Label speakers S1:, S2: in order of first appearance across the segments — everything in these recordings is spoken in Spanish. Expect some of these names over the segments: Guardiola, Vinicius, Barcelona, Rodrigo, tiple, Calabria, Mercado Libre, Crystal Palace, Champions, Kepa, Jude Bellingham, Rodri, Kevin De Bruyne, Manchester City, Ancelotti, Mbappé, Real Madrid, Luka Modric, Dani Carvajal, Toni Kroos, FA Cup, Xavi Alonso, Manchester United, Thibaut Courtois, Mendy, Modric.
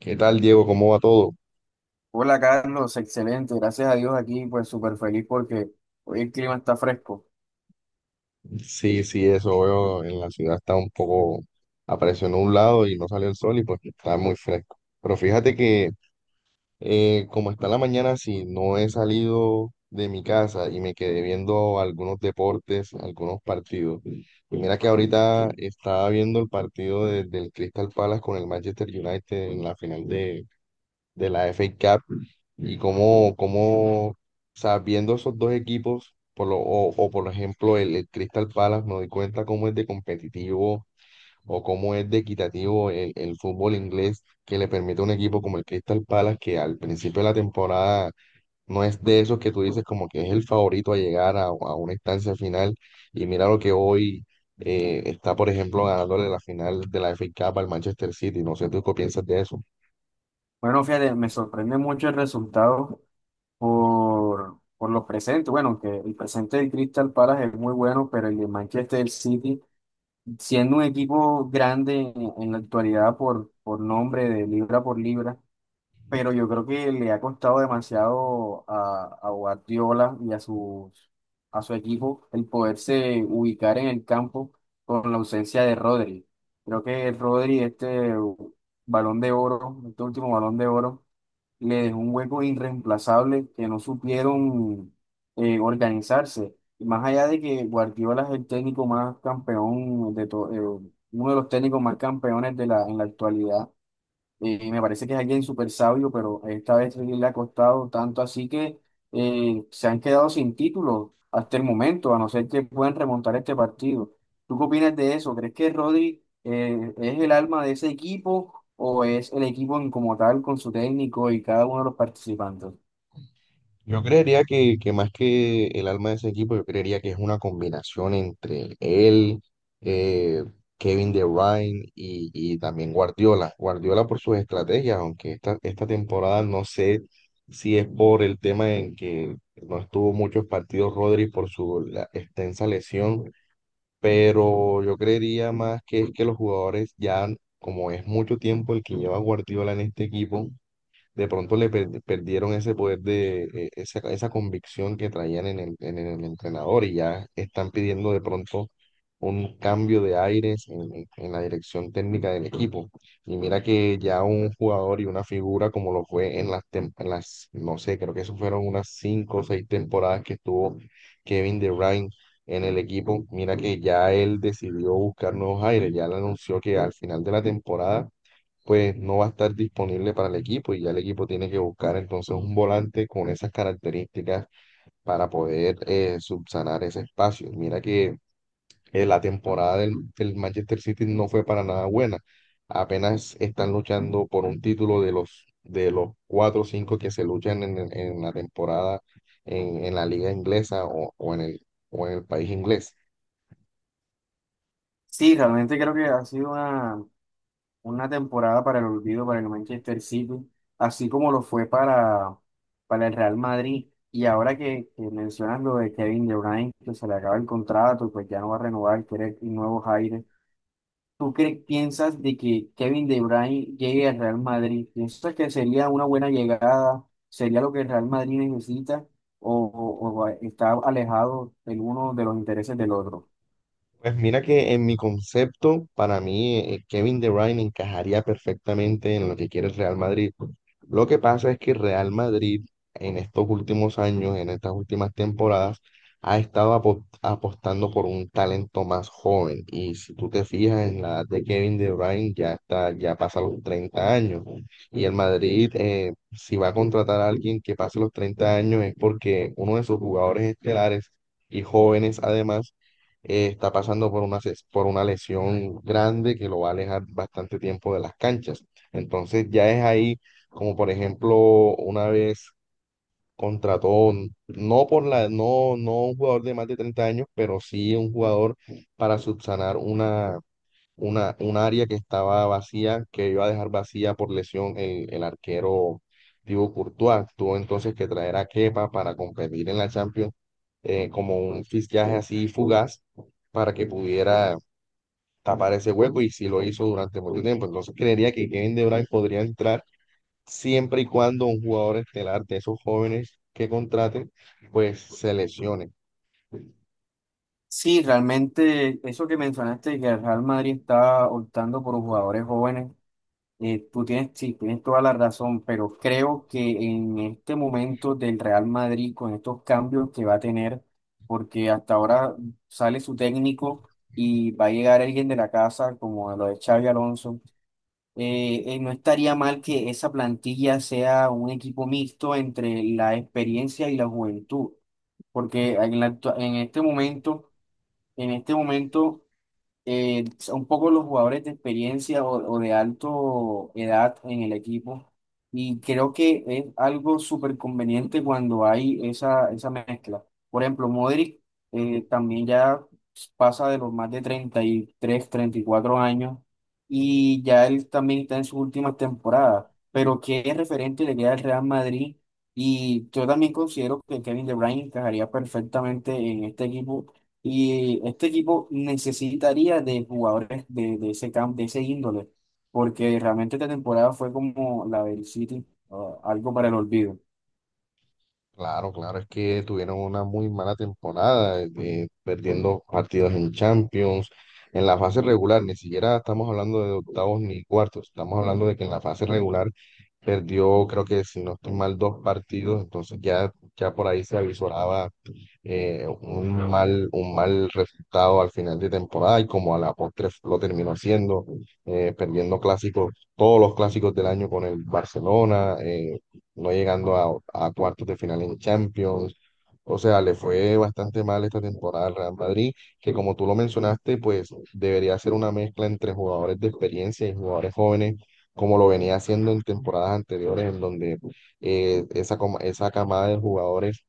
S1: ¿Qué tal, Diego? ¿Cómo va todo?
S2: Hola Carlos, excelente, gracias a Dios aquí, pues súper feliz porque hoy el clima está fresco.
S1: Sí, sí, eso veo. En la ciudad está un poco, apareció nublado y no salió el sol y pues está muy fresco. Pero fíjate que como está la mañana, si no he salido de mi casa y me quedé viendo algunos deportes, algunos partidos. Y mira que ahorita estaba viendo el partido del Crystal Palace con el Manchester United en la final de la FA Cup. Y o sea, viendo esos dos equipos, o por ejemplo el Crystal Palace, me doy cuenta cómo es de competitivo o cómo es de equitativo el fútbol inglés que le permite a un equipo como el Crystal Palace, que al principio de la temporada no es de esos que tú dices como que es el favorito a llegar a una instancia final. Y mira lo que hoy está, por ejemplo, ganándole la final de la FA Cup al Manchester City. No sé tú qué piensas de eso.
S2: Bueno, fíjate, me sorprende mucho el resultado por los presentes. Bueno, que el presente del Crystal Palace es muy bueno, pero el de Manchester City, siendo un equipo grande en la actualidad por nombre de libra por libra, pero yo creo que le ha costado demasiado a Guardiola y a su equipo el poderse ubicar en el campo con la ausencia de Rodri. Creo que Rodri, este balón de oro, este último balón de oro, le dejó un hueco irreemplazable que no supieron organizarse. Y más allá de que Guardiola es el técnico más campeón uno de los técnicos más campeones en la actualidad, me parece que es alguien súper sabio, pero esta vez sí le ha costado tanto así que se han quedado sin título hasta el momento, a no ser que puedan remontar este partido. ¿Tú qué opinas de eso? ¿Crees que Rodri es el alma de ese equipo o es el equipo en como tal con su técnico y cada uno de los participantes?
S1: Yo creería que más que el alma de ese equipo, yo creería que es una combinación entre él, eh, Kevin De Bruyne y también Guardiola. Guardiola por sus estrategias, aunque esta temporada no sé si es por el tema en que no estuvo muchos partidos Rodri por su extensa lesión, pero yo creería más que es que los jugadores ya, como es mucho tiempo el que lleva Guardiola en este equipo, de pronto le perdieron ese poder de esa convicción que traían en en el entrenador y ya están pidiendo de pronto un cambio de aires en la dirección técnica del equipo. Y mira que ya un jugador y una figura como lo fue en en las, no sé, creo que eso fueron unas 5 o 6 temporadas que estuvo Kevin De Bruyne en el equipo, mira que ya él decidió buscar nuevos aires, ya le anunció que al final de la temporada pues no va a estar disponible para el equipo y ya el equipo tiene que buscar entonces un volante con esas características para poder subsanar ese espacio. Mira que la temporada del Manchester City no fue para nada buena. Apenas están luchando por un título de de los 4 o 5 que se luchan en la temporada en la liga inglesa o en el país inglés.
S2: Sí, realmente creo que ha sido una temporada para el olvido para el Manchester City, así como lo fue para el Real Madrid. Y ahora que mencionas lo de Kevin De Bruyne, que se le acaba el contrato y pues ya no va a renovar, quiere nuevos aires. ¿Tú crees, piensas de que Kevin De Bruyne llegue al Real Madrid? ¿Piensas que sería una buena llegada? ¿Sería lo que el Real Madrid necesita? ¿O, o está alejado el uno de los intereses del otro?
S1: Pues mira que en mi concepto, para mí, Kevin De Bruyne encajaría perfectamente en lo que quiere el Real Madrid. Lo que pasa es que el Real Madrid en estos últimos años, en estas últimas temporadas, ha estado apostando por un talento más joven. Y si tú te fijas en la edad de Kevin De Bruyne, ya está, ya pasa los 30 años. Y el Madrid, si va a contratar a alguien que pase los 30 años, es porque uno de sus jugadores estelares y jóvenes además está pasando por por una lesión grande que lo va a alejar bastante tiempo de las canchas. Entonces ya es ahí, como por ejemplo, una vez contrató, no por la, no, no un jugador de más de 30 años, pero sí un jugador para subsanar una, un área que estaba vacía, que iba a dejar vacía por lesión el arquero Thibaut Courtois. Tuvo entonces que traer a Kepa para competir en la Champions como un fichaje así fugaz para que pudiera tapar ese hueco y si lo hizo durante mucho tiempo. Entonces creería que Kevin De Bruyne podría entrar siempre y cuando un jugador estelar de esos jóvenes que contraten pues se lesione.
S2: Sí, realmente eso que mencionaste, que el Real Madrid está optando por jugadores jóvenes, tú tienes, sí, tienes toda la razón, pero creo que en este momento del Real Madrid, con estos cambios que va a tener, porque hasta ahora sale su técnico y va a llegar alguien de la casa, como lo de Xavi Alonso. No estaría mal que esa plantilla sea un equipo mixto entre la experiencia y la juventud, porque en en este momento... En este momento, son un poco los jugadores de experiencia o de alto edad en el equipo. Y creo que es algo súper conveniente cuando hay esa, esa mezcla. Por ejemplo, Modric también ya pasa de los más de 30, 33, 34 años y ya él también está en sus últimas temporadas. Pero que es referente le queda al Real Madrid. Y yo también considero que Kevin De Bruyne encajaría perfectamente en este equipo, y este equipo necesitaría de jugadores de ese camp de ese índole, porque realmente esta temporada fue como la del City, ah, algo para el olvido.
S1: Claro, claro, es que tuvieron una muy mala temporada, perdiendo partidos en Champions, en la fase regular, ni siquiera estamos hablando de octavos ni cuartos, estamos hablando de que en la fase regular perdió, creo que si no estoy mal, dos partidos, entonces ya, ya por ahí se avisoraba un mal resultado al final de temporada y como a la postre lo terminó haciendo, perdiendo clásicos, todos los clásicos del año con el Barcelona, no llegando a cuartos de final en Champions. O sea, le fue bastante mal esta temporada al Real Madrid, que como tú lo mencionaste, pues debería ser una mezcla entre jugadores de experiencia y jugadores jóvenes, como lo venía haciendo en temporadas anteriores, en donde esa camada de jugadores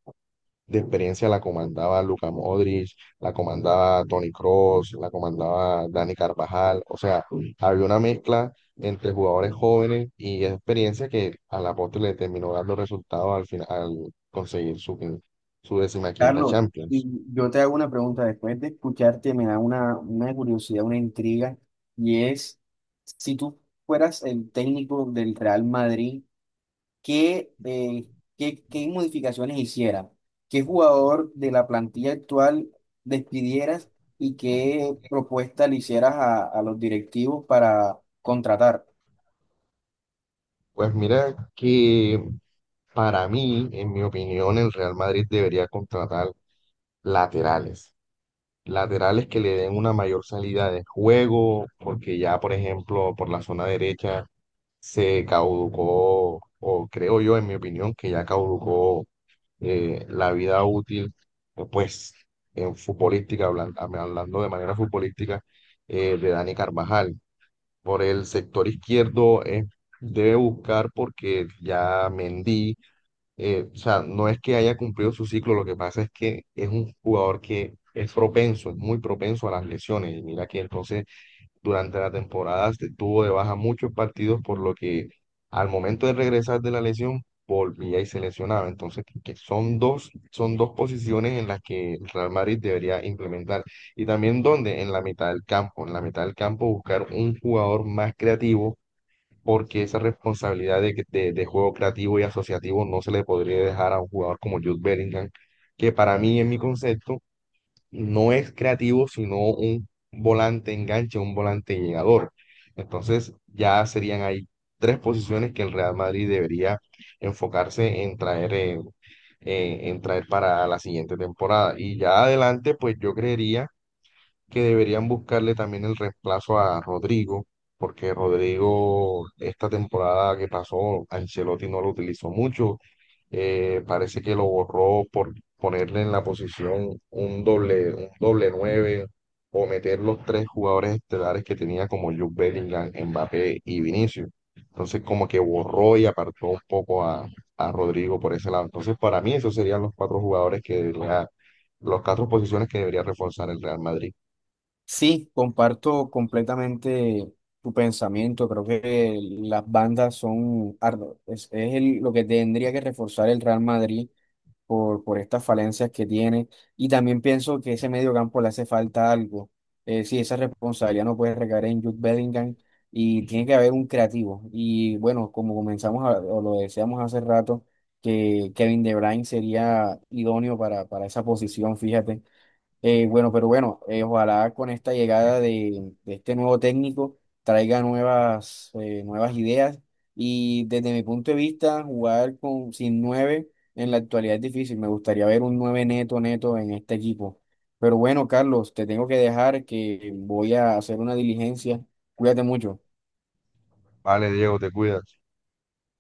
S1: de experiencia la comandaba Luka Modric, la comandaba Toni Kroos, la comandaba Dani Carvajal, o sea, había una mezcla entre jugadores jóvenes y experiencia que a la postre le terminó dando resultados al final, al conseguir su decimaquinta
S2: Carlos, y
S1: Champions.
S2: yo te hago una pregunta después de escucharte, me da una curiosidad, una intriga, y es, si tú fueras el técnico del Real Madrid, qué, eh, qué modificaciones hicieras, qué jugador de la plantilla actual despidieras y qué propuesta le hicieras a los directivos para contratar.
S1: Pues mira que para mí, en mi opinión, el Real Madrid debería contratar laterales. Laterales que le den una mayor salida de juego, porque ya, por ejemplo, por la zona derecha se caducó, o creo yo, en mi opinión, que ya caducó la vida útil, pues, en futbolística, hablando de manera futbolística, de Dani Carvajal. Por el sector izquierdo debe buscar porque ya Mendy, o sea, no es que haya cumplido su ciclo, lo que pasa es que es un jugador que es propenso, es muy propenso a las lesiones, y mira que entonces durante la temporada se tuvo de baja muchos partidos, por lo que al momento de regresar de la lesión volvía y se lesionaba. Entonces, son dos posiciones en las que el Real Madrid debería implementar. Y también donde, en la mitad del campo, en la mitad del campo buscar un jugador más creativo, porque esa responsabilidad de juego creativo y asociativo no se le podría dejar a un jugador como Jude Bellingham, que para mí, en mi concepto, no es creativo, sino un volante enganche, un volante llegador. Entonces, ya serían ahí tres posiciones que el Real Madrid debería enfocarse en traer, en traer para la siguiente temporada. Y ya adelante, pues yo creería que deberían buscarle también el reemplazo a Rodrigo, porque Rodrigo esta temporada que pasó, Ancelotti no lo utilizó mucho, parece que lo borró por ponerle en la posición un doble nueve o meter los tres jugadores estelares que tenía como Jude Bellingham, Mbappé y Vinicius. Entonces como que borró y apartó un poco a Rodrigo por ese lado. Entonces para mí esos serían los 4 jugadores que debería, los 4 posiciones que debería reforzar el Real Madrid.
S2: Sí, comparto completamente tu pensamiento. Creo que las bandas es lo que tendría que reforzar el Real Madrid por estas falencias que tiene. Y también pienso que ese medio campo le hace falta algo. Sí, esa responsabilidad no puede recaer en Jude Bellingham y tiene que haber un creativo. Y bueno, como o lo deseamos hace rato, que Kevin De Bruyne sería idóneo para esa posición, fíjate. Bueno, pero bueno, ojalá con esta llegada de este nuevo técnico traiga nuevas, nuevas ideas, y desde mi punto de vista jugar con, sin nueve en la actualidad es difícil. Me gustaría ver un nueve neto neto en este equipo. Pero bueno, Carlos, te tengo que dejar que voy a hacer una diligencia. Cuídate mucho.
S1: Vale, Diego, te cuidas.